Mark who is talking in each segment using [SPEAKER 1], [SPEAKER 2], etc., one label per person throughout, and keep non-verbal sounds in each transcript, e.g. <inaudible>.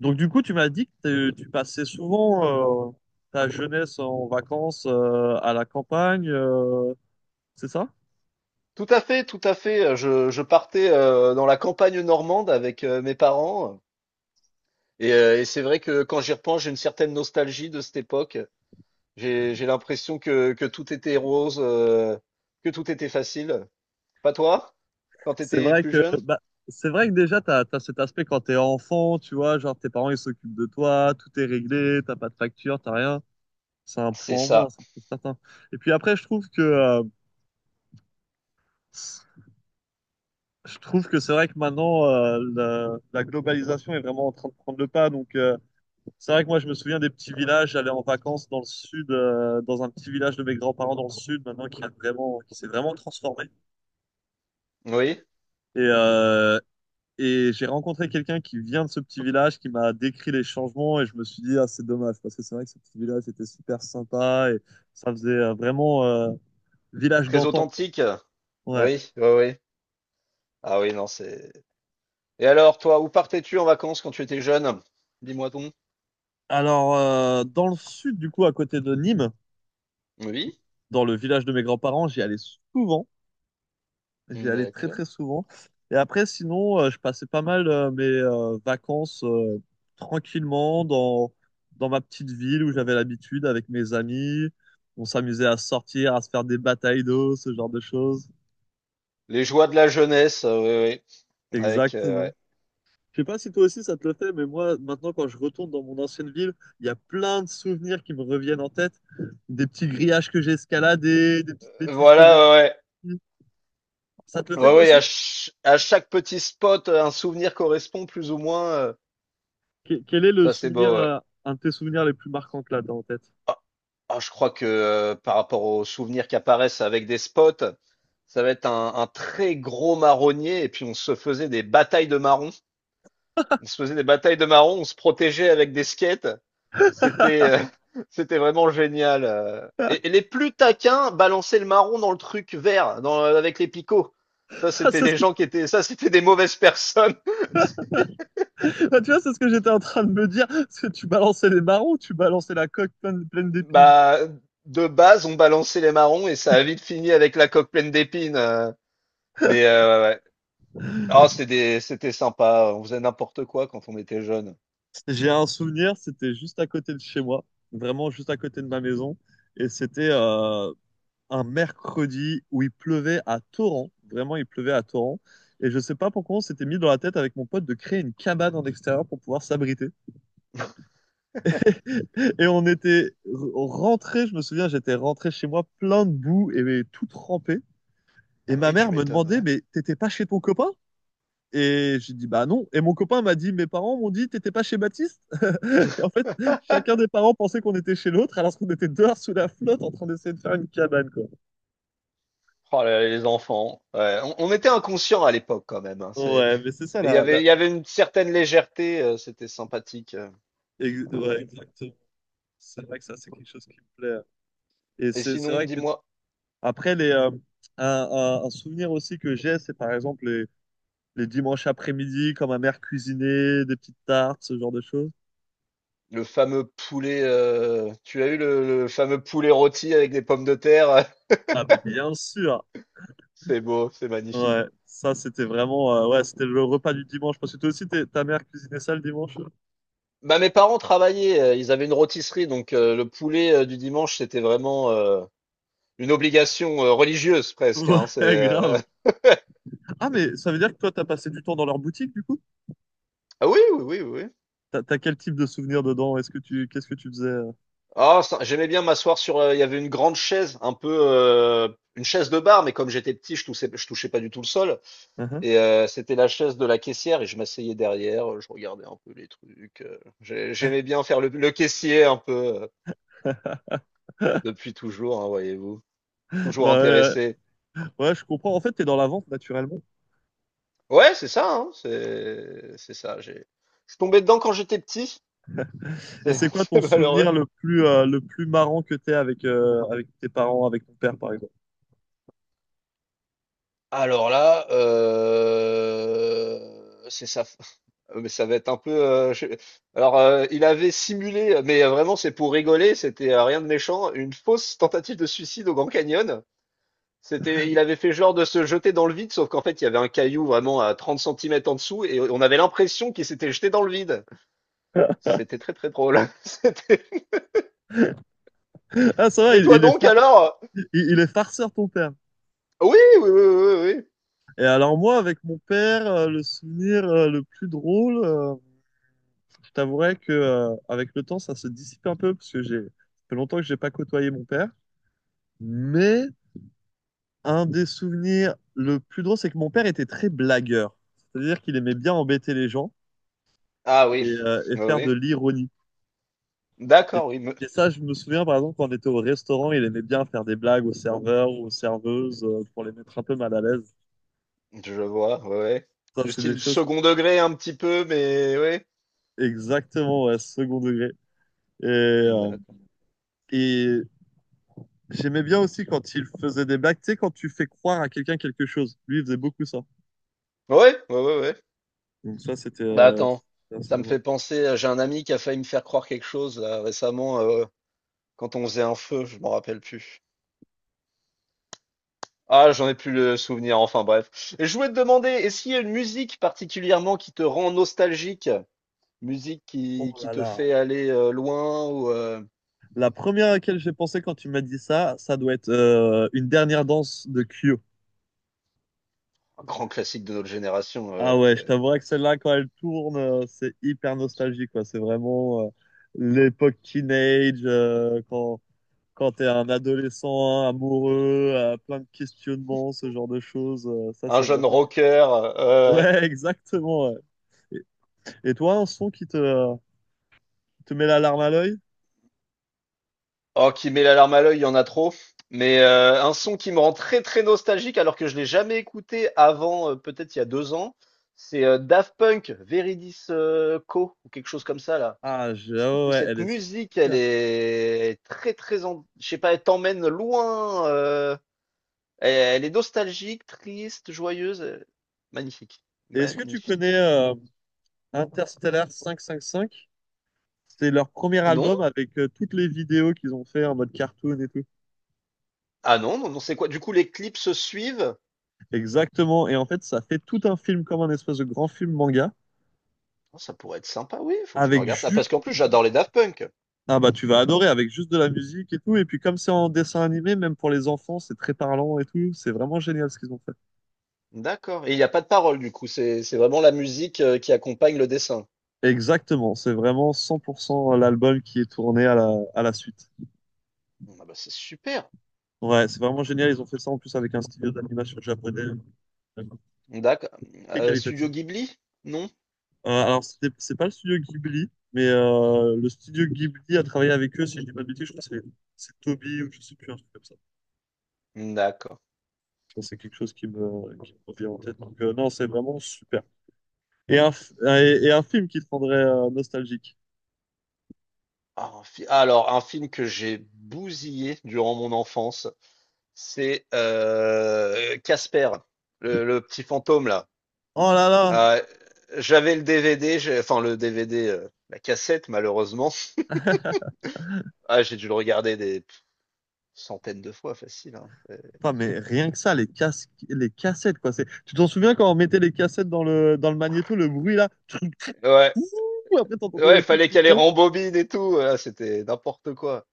[SPEAKER 1] Donc du coup, tu m'as dit que tu passais souvent ta jeunesse en vacances à la campagne, c'est ça?
[SPEAKER 2] Tout à fait, tout à fait. Je partais dans la campagne normande avec mes parents. Et c'est vrai que quand j'y repense, j'ai une certaine nostalgie de cette époque. J'ai l'impression que tout était rose, que tout était facile. Pas toi, quand
[SPEAKER 1] C'est
[SPEAKER 2] t'étais
[SPEAKER 1] vrai
[SPEAKER 2] plus
[SPEAKER 1] que
[SPEAKER 2] jeune?
[SPEAKER 1] bah, c'est vrai que déjà t'as cet aspect quand t'es enfant, tu vois, genre tes parents ils s'occupent de toi, tout est réglé, t'as pas de facture, t'as rien. C'est un
[SPEAKER 2] C'est
[SPEAKER 1] point en
[SPEAKER 2] ça.
[SPEAKER 1] moins, c'est certain. Et puis après, je trouve que c'est vrai que maintenant la globalisation est vraiment en train de prendre le pas, c'est vrai que moi, je me souviens des petits villages. J'allais en vacances dans le sud, dans un petit village de mes grands-parents dans le sud, maintenant qui a qui s'est vraiment transformé.
[SPEAKER 2] Oui,
[SPEAKER 1] Et, euh, et j'ai rencontré quelqu'un qui vient de ce petit village, qui m'a décrit les changements, et je me suis dit, ah, c'est dommage, parce que c'est vrai que ce petit village était super sympa, et ça faisait vraiment village
[SPEAKER 2] très
[SPEAKER 1] d'antan, quoi.
[SPEAKER 2] authentique.
[SPEAKER 1] Ouais.
[SPEAKER 2] Oui, oui, oui. Ah oui, non, c'est. Et alors, toi, où partais-tu en vacances quand tu étais jeune? Dis-moi donc.
[SPEAKER 1] Alors, dans le sud, du coup, à côté de Nîmes,
[SPEAKER 2] Oui,
[SPEAKER 1] dans le village de mes grands-parents, j'y allais souvent. J'y allais très
[SPEAKER 2] d'accord.
[SPEAKER 1] très souvent. Et après, sinon, je passais pas mal mes vacances tranquillement dans ma petite ville où j'avais l'habitude avec mes amis. On s'amusait à sortir, à se faire des batailles d'eau, ce genre de choses.
[SPEAKER 2] Les joies de la jeunesse, oui, oui. Ouais.
[SPEAKER 1] Exactement. Je sais pas si toi aussi ça te le fait, mais moi, maintenant, quand je retourne dans mon ancienne ville, il y a plein de souvenirs qui me reviennent en tête. Des petits grillages que j'ai escaladés, des petites bêtises que j'ai
[SPEAKER 2] Voilà, ouais,
[SPEAKER 1] faites. Ça te le
[SPEAKER 2] ouais.
[SPEAKER 1] fait
[SPEAKER 2] Ouais,
[SPEAKER 1] toi
[SPEAKER 2] ouais, à,
[SPEAKER 1] aussi?
[SPEAKER 2] ch- à chaque petit spot, un souvenir correspond plus ou moins.
[SPEAKER 1] Quel est le
[SPEAKER 2] Ça, c'est
[SPEAKER 1] souvenir,
[SPEAKER 2] beau, ouais.
[SPEAKER 1] un de tes souvenirs les plus marquants que là, t'as en tête?
[SPEAKER 2] Ah, ah, je crois que par rapport aux souvenirs qui apparaissent avec des spots, ça va être un très gros marronnier. Et puis, on se faisait des batailles de marrons. On se faisait des batailles de marrons, on se protégeait avec des skates. C'était <laughs> c'était vraiment génial. Et les plus taquins balançaient le marron dans le truc vert, avec les picots. Ça,
[SPEAKER 1] Enfin,
[SPEAKER 2] c'était des gens qui étaient, ça, c'était des mauvaises personnes. <laughs>
[SPEAKER 1] enfin, tu vois, c'est ce que j'étais en train de me dire. Parce que tu balançais les marrons, tu balançais la coque pleine, pleine d'épines.
[SPEAKER 2] Bah, de base, on balançait les marrons et ça a vite fini avec la coque pleine d'épines. Mais ouais, ouais. Ah, c'était sympa. On faisait n'importe quoi quand on était jeune.
[SPEAKER 1] J'ai un souvenir, c'était juste à côté de chez moi, vraiment juste à côté de ma maison. Et c'était un mercredi où il pleuvait à torrent. Vraiment, il pleuvait à torrent. Et je sais pas pourquoi on s'était mis dans la tête avec mon pote de créer une cabane en extérieur pour pouvoir s'abriter. Et on était rentrés, je me souviens, j'étais rentré chez moi plein de boue et tout trempé. Et
[SPEAKER 2] Ah bah
[SPEAKER 1] ma
[SPEAKER 2] oui, tu
[SPEAKER 1] mère me
[SPEAKER 2] m'étonnes,
[SPEAKER 1] demandait,
[SPEAKER 2] ouais.
[SPEAKER 1] mais t'étais pas chez ton copain? Et j'ai dit, bah non. Et mon copain m'a dit, mes parents m'ont dit, t'étais pas chez Baptiste? <laughs> Et en
[SPEAKER 2] <laughs>
[SPEAKER 1] fait, chacun des parents pensait qu'on était chez l'autre, alors qu'on était dehors sous la flotte en train d'essayer de faire une cabane, quoi.
[SPEAKER 2] Oh là là, les enfants. Ouais, on était inconscients à l'époque quand même, hein.
[SPEAKER 1] Ouais, mais c'est ça,
[SPEAKER 2] Mais il y avait, il y avait une certaine légèreté, c'était sympathique.
[SPEAKER 1] ouais, exactement. C'est vrai que ça, c'est quelque chose qui me plaît, hein. Et
[SPEAKER 2] Et
[SPEAKER 1] c'est
[SPEAKER 2] sinon,
[SPEAKER 1] vrai que,
[SPEAKER 2] dis-moi.
[SPEAKER 1] après, un souvenir aussi que j'ai, c'est par exemple les dimanches après-midi, quand ma mère cuisinait des petites tartes, ce genre de choses.
[SPEAKER 2] Le fameux poulet, tu as eu le fameux poulet rôti avec des pommes de terre? <laughs>
[SPEAKER 1] Ah, mais bien sûr.
[SPEAKER 2] C'est beau, c'est magnifique.
[SPEAKER 1] Ouais, ça c'était vraiment ouais, c'était le repas du dimanche parce que toi aussi ta mère cuisinait ça le dimanche.
[SPEAKER 2] Bah, mes parents travaillaient, ils avaient une rôtisserie donc le poulet, du dimanche, c'était vraiment, une obligation, religieuse presque,
[SPEAKER 1] Ouais,
[SPEAKER 2] hein.
[SPEAKER 1] <laughs> grave. Ah mais ça veut dire que toi t'as passé du temps dans leur boutique du coup?
[SPEAKER 2] <laughs> Ah oui, oui, oui, oui.
[SPEAKER 1] T'as quel type de souvenirs dedans? Est-ce que tu qu'est-ce que tu faisais?
[SPEAKER 2] Ah ça j'aimais bien m'asseoir sur, il y avait une grande chaise, un peu, une chaise de bar mais comme j'étais petit, je touchais pas du tout le sol.
[SPEAKER 1] Mhm.
[SPEAKER 2] Et c'était la chaise de la caissière et je m'asseyais derrière, je regardais un peu les trucs. J'aimais bien faire le caissier un peu euh,
[SPEAKER 1] <laughs>
[SPEAKER 2] depuis toujours, hein, voyez-vous. Toujours
[SPEAKER 1] Bah
[SPEAKER 2] intéressé.
[SPEAKER 1] ouais, ouais, je comprends. En fait, t'es dans la vente naturellement.
[SPEAKER 2] Ouais, c'est ça, hein, c'est ça. Je suis tombé dedans quand j'étais petit.
[SPEAKER 1] Et
[SPEAKER 2] C'est
[SPEAKER 1] c'est
[SPEAKER 2] <laughs>
[SPEAKER 1] quoi ton
[SPEAKER 2] c'est malheureux.
[SPEAKER 1] souvenir le plus marrant que t'aies avec avec tes parents, avec ton père par exemple?
[SPEAKER 2] Alors là, c'est ça. <laughs> Mais ça va être un peu. Alors, il avait simulé, mais vraiment, c'est pour rigoler. C'était rien de méchant. Une fausse tentative de suicide au Grand Canyon. Il avait fait genre de se jeter dans le vide, sauf qu'en fait, il y avait un caillou vraiment à 30 centimètres en dessous et on avait l'impression qu'il s'était jeté dans le vide. C'était très très drôle. <laughs> C'était.
[SPEAKER 1] Ah ça va,
[SPEAKER 2] Et toi donc alors?
[SPEAKER 1] il est farceur ton père.
[SPEAKER 2] Oui, oui, oui, oui, oui. Oui.
[SPEAKER 1] Et alors moi avec mon père, le souvenir le plus drôle. Je t'avouerais que, avec le temps, ça se dissipe un peu parce que ça fait longtemps que j'ai pas côtoyé mon père. Mais un des souvenirs le plus drôle, c'est que mon père était très blagueur. C'est-à-dire qu'il aimait bien embêter les gens
[SPEAKER 2] Ah oui,
[SPEAKER 1] et
[SPEAKER 2] oui,
[SPEAKER 1] faire
[SPEAKER 2] oui.
[SPEAKER 1] de l'ironie. Et,
[SPEAKER 2] D'accord, oui,
[SPEAKER 1] et ça, je me souviens, par exemple, quand on était au restaurant, il aimait bien faire des blagues aux serveurs ou aux serveuses pour les mettre un peu mal à l'aise.
[SPEAKER 2] je vois, ouais, ouais.
[SPEAKER 1] Ça,
[SPEAKER 2] Du
[SPEAKER 1] c'est des
[SPEAKER 2] style
[SPEAKER 1] choses
[SPEAKER 2] second degré un petit peu, mais ouais.
[SPEAKER 1] exactement, ouais, second degré. Et, euh,
[SPEAKER 2] D'accord.
[SPEAKER 1] et J'aimais bien aussi quand il faisait des blagues, tu sais, quand tu fais croire à quelqu'un quelque chose. Lui, il faisait beaucoup ça.
[SPEAKER 2] Ouais, ouais, ouais, ouais.
[SPEAKER 1] Donc ça, c'était
[SPEAKER 2] Bah attends,
[SPEAKER 1] c'était assez
[SPEAKER 2] ça me
[SPEAKER 1] drôle.
[SPEAKER 2] fait penser, j'ai un ami qui a failli me faire croire quelque chose là, récemment quand on faisait un feu, je m'en rappelle plus. Ah, j'en ai plus le souvenir, enfin bref. Et je voulais te demander, est-ce qu'il y a une musique particulièrement qui te rend nostalgique? Musique qui,
[SPEAKER 1] Oh
[SPEAKER 2] qui
[SPEAKER 1] là
[SPEAKER 2] te
[SPEAKER 1] là.
[SPEAKER 2] fait aller loin. Ou
[SPEAKER 1] La première à laquelle j'ai pensé quand tu m'as dit ça, ça doit être une dernière danse de Kyo.
[SPEAKER 2] Un grand classique de notre génération,
[SPEAKER 1] Ah ouais, je
[SPEAKER 2] c'est
[SPEAKER 1] t'avouerais que celle-là, quand elle tourne, c'est hyper nostalgique, quoi. C'est vraiment l'époque teenage, quand t'es un adolescent hein, amoureux, plein de questionnements, ce genre de choses. Ça,
[SPEAKER 2] un
[SPEAKER 1] c'est
[SPEAKER 2] jeune
[SPEAKER 1] vraiment...
[SPEAKER 2] rocker. euh,
[SPEAKER 1] Ouais, <laughs> exactement, ouais. Et toi, un son qui te met la larme à l'œil.
[SPEAKER 2] oh, qui met la larme à l'œil, il y en a trop. Mais un son qui me rend très très nostalgique alors que je l'ai jamais écouté avant, peut-être il y a 2 ans, c'est Daft Punk, Veridis Co, ou quelque chose comme ça là.
[SPEAKER 1] Ah ouais,
[SPEAKER 2] Que
[SPEAKER 1] ouais, elle
[SPEAKER 2] cette
[SPEAKER 1] est
[SPEAKER 2] musique, elle
[SPEAKER 1] super.
[SPEAKER 2] est très, très, je sais pas, elle t'emmène loin. Elle est nostalgique, triste, joyeuse. Magnifique.
[SPEAKER 1] Et est-ce que tu
[SPEAKER 2] Magnifique.
[SPEAKER 1] connais Interstellar 555? C'est leur premier
[SPEAKER 2] Non?
[SPEAKER 1] album avec toutes les vidéos qu'ils ont fait en mode cartoon et tout.
[SPEAKER 2] Ah non, non, non, c'est quoi? Du coup, les clips se suivent?
[SPEAKER 1] Exactement. Et en fait, ça fait tout un film comme un espèce de grand film manga
[SPEAKER 2] Oh, ça pourrait être sympa, oui, faut que je me
[SPEAKER 1] avec
[SPEAKER 2] regarde ça. Parce
[SPEAKER 1] juste.
[SPEAKER 2] qu'en plus, j'adore les Daft Punk.
[SPEAKER 1] Ah bah tu vas adorer avec juste de la musique et tout. Et puis comme c'est en dessin animé, même pour les enfants, c'est très parlant et tout. C'est vraiment génial ce qu'ils ont fait.
[SPEAKER 2] D'accord. Et il n'y a pas de parole, du coup. C'est vraiment la musique qui accompagne le dessin.
[SPEAKER 1] Exactement. C'est vraiment 100% l'album qui est tourné à la suite.
[SPEAKER 2] Ah bah, c'est super.
[SPEAKER 1] Ouais, c'est vraiment génial. Ils ont fait ça en plus avec un studio d'animation japonais euh,
[SPEAKER 2] D'accord.
[SPEAKER 1] très
[SPEAKER 2] Studio
[SPEAKER 1] qualitatif.
[SPEAKER 2] Ghibli? Non?
[SPEAKER 1] Alors, c'est pas le studio Ghibli, mais le studio Ghibli a travaillé avec eux, si je dis pas de bêtises, je crois que c'est Toby ou je sais plus, un truc comme ça.
[SPEAKER 2] D'accord.
[SPEAKER 1] Bon, c'est quelque chose qui me revient en tête. Donc, non, c'est vraiment super. Et un film qui te rendrait nostalgique.
[SPEAKER 2] Ah, un film que j'ai bousillé durant mon enfance, c'est Casper, le petit fantôme là.
[SPEAKER 1] Oh là là!
[SPEAKER 2] Euh, J'avais le DVD, enfin le DVD, la cassette malheureusement. Ah, j'ai dû le regarder des centaines de fois, facile, hein.
[SPEAKER 1] Putain, mais rien que ça, les casques, les cassettes, quoi. Tu t'en souviens quand on mettait les cassettes dans dans le magnéto, le bruit là?
[SPEAKER 2] Ouais,
[SPEAKER 1] Ouh. Après, t'entendais
[SPEAKER 2] ouais,
[SPEAKER 1] les
[SPEAKER 2] il
[SPEAKER 1] trucs
[SPEAKER 2] fallait qu'elle les
[SPEAKER 1] tourner.
[SPEAKER 2] rembobine et tout. Ah, c'était n'importe quoi.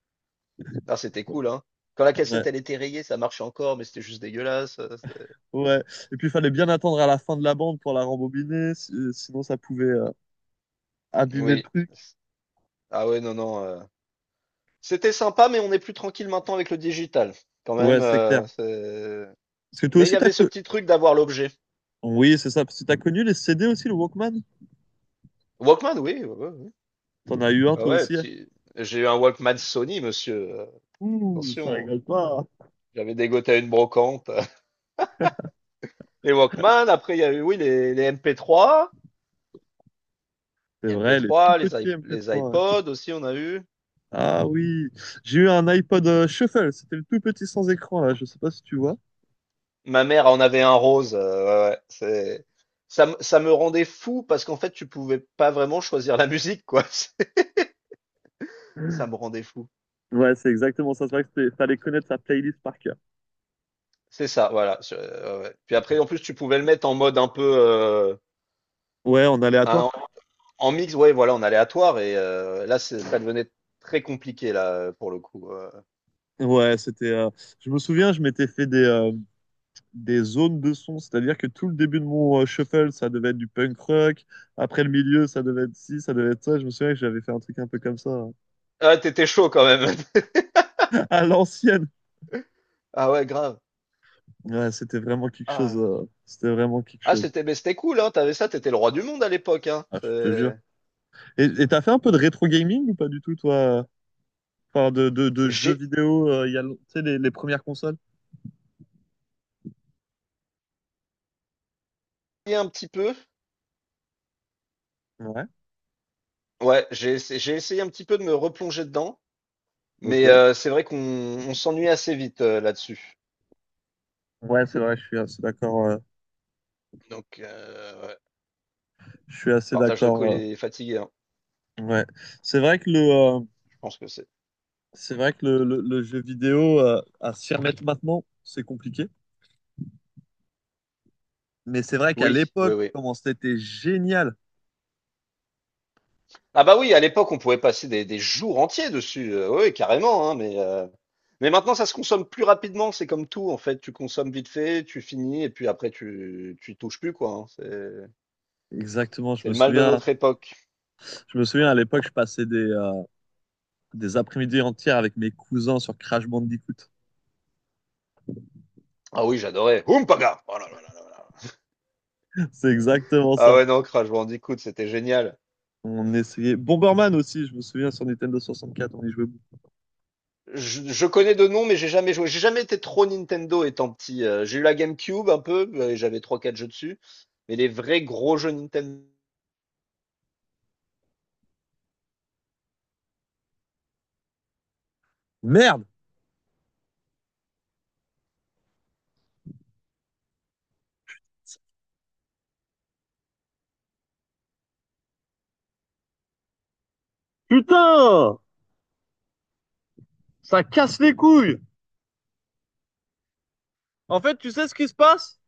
[SPEAKER 2] Non, c'était cool, hein. Quand la
[SPEAKER 1] Ouais,
[SPEAKER 2] cassette elle était rayée, ça marchait encore, mais c'était juste dégueulasse.
[SPEAKER 1] ouais. Et puis il fallait bien attendre à la fin de la bande pour la rembobiner, sinon ça pouvait abîmer le
[SPEAKER 2] Oui.
[SPEAKER 1] truc.
[SPEAKER 2] Ah ouais, non, non. C'était sympa, mais on est plus tranquille maintenant avec le digital. Quand
[SPEAKER 1] Ouais,
[SPEAKER 2] même,
[SPEAKER 1] c'est clair. Parce que toi
[SPEAKER 2] Mais il y
[SPEAKER 1] aussi, t'as
[SPEAKER 2] avait ce
[SPEAKER 1] connu.
[SPEAKER 2] petit truc d'avoir l'objet.
[SPEAKER 1] Oui, c'est ça. Parce que t'as connu les CD aussi, le Walkman?
[SPEAKER 2] Walkman, oui. Ouais, ouais, ouais.
[SPEAKER 1] T'en as eu un
[SPEAKER 2] Ah
[SPEAKER 1] toi
[SPEAKER 2] ouais,
[SPEAKER 1] aussi, hein?
[SPEAKER 2] petit. J'ai eu un Walkman Sony, monsieur.
[SPEAKER 1] Ouh, ça
[SPEAKER 2] Attention,
[SPEAKER 1] rigole pas, hein.
[SPEAKER 2] j'avais dégoté à une brocante. <laughs> Les Walkman, après, il y a eu, oui, les MP3.
[SPEAKER 1] C'est
[SPEAKER 2] Les
[SPEAKER 1] vrai, les tout
[SPEAKER 2] MP3, les,
[SPEAKER 1] petits
[SPEAKER 2] iP- les
[SPEAKER 1] MP3, ouais.
[SPEAKER 2] iPods aussi, on a eu.
[SPEAKER 1] Ah oui. J'ai eu un iPod Shuffle. C'était le tout petit sans écran, là. Je sais pas si tu vois.
[SPEAKER 2] Ma mère en avait un rose. Ouais, ouais, c'est. Ça me rendait fou parce qu'en fait, tu pouvais pas vraiment choisir la musique, quoi. <laughs> Ça me rendait fou.
[SPEAKER 1] Ouais, c'est exactement ça. C'est vrai que fallait connaître sa playlist par cœur.
[SPEAKER 2] C'est ça, voilà. Ouais, ouais. Puis après, en plus, tu pouvais le mettre en mode un peu.
[SPEAKER 1] Ouais, en aléatoire.
[SPEAKER 2] Un- En mix, ouais, voilà, en aléatoire. Et là, ça devenait très compliqué là pour le coup.
[SPEAKER 1] Ouais, c'était. Je me souviens, je m'étais fait des zones de son, c'est-à-dire que tout le début de mon shuffle, ça devait être du punk rock, après le milieu, ça devait être ci, ça devait être ça, je me souviens que j'avais fait un truc un peu comme ça, hein.
[SPEAKER 2] Ah, t'étais chaud quand même. <laughs>
[SPEAKER 1] <laughs> À l'ancienne.
[SPEAKER 2] Ah ouais, grave.
[SPEAKER 1] Ouais, c'était vraiment quelque
[SPEAKER 2] Ah,
[SPEAKER 1] chose,
[SPEAKER 2] là là.
[SPEAKER 1] c'était vraiment quelque
[SPEAKER 2] Ah,
[SPEAKER 1] chose.
[SPEAKER 2] mais c'était cool, hein. T'avais ça, t'étais le roi du monde à l'époque, hein.
[SPEAKER 1] Ah, je te jure. Et t'as fait un peu de rétro gaming ou pas du tout, toi? Enfin, de jeux
[SPEAKER 2] J'ai
[SPEAKER 1] vidéo, il y a, tu sais, les premières consoles?
[SPEAKER 2] essayé un petit peu.
[SPEAKER 1] Ouais.
[SPEAKER 2] Ouais, j'ai essayé un petit peu de me replonger dedans,
[SPEAKER 1] Ok.
[SPEAKER 2] mais c'est vrai qu'on s'ennuie assez vite là-dessus.
[SPEAKER 1] Ouais, c'est vrai, je suis assez d'accord.
[SPEAKER 2] Donc, ouais.
[SPEAKER 1] Je suis assez
[SPEAKER 2] Partage de co,
[SPEAKER 1] d'accord.
[SPEAKER 2] il est fatigué, hein.
[SPEAKER 1] Ouais, c'est vrai que
[SPEAKER 2] Je pense que c'est.
[SPEAKER 1] c'est vrai que le jeu vidéo, à s'y remettre maintenant, c'est compliqué. Mais c'est vrai qu'à
[SPEAKER 2] Oui, oui,
[SPEAKER 1] l'époque,
[SPEAKER 2] oui.
[SPEAKER 1] comment c'était génial.
[SPEAKER 2] Ah bah oui, à l'époque, on pouvait passer des jours entiers dessus. Oui, carrément, hein, mais maintenant, ça se consomme plus rapidement. C'est comme tout, en fait. Tu consommes vite fait, tu finis, et puis après, tu y touches plus, quoi, hein.
[SPEAKER 1] Exactement,
[SPEAKER 2] C'est le mal de notre époque.
[SPEAKER 1] je me souviens à l'époque, je passais des après-midi entières avec mes cousins sur Crash Bandicoot.
[SPEAKER 2] Ah oui, j'adorais. Ompaga! Oh là là là là là.
[SPEAKER 1] <laughs> C'est exactement
[SPEAKER 2] Ah
[SPEAKER 1] ça.
[SPEAKER 2] ouais, non, Crash Bandicoot, c'était génial.
[SPEAKER 1] On essayait. Bomberman aussi, je me souviens sur Nintendo 64, on y jouait beaucoup.
[SPEAKER 2] Je connais de nom, mais j'ai jamais joué. J'ai jamais été trop Nintendo étant petit. J'ai eu la GameCube un peu, et j'avais trois quatre jeux dessus. Mais les vrais gros jeux Nintendo.
[SPEAKER 1] Merde! Putain! Ça casse les couilles! En fait, tu sais ce qui se passe?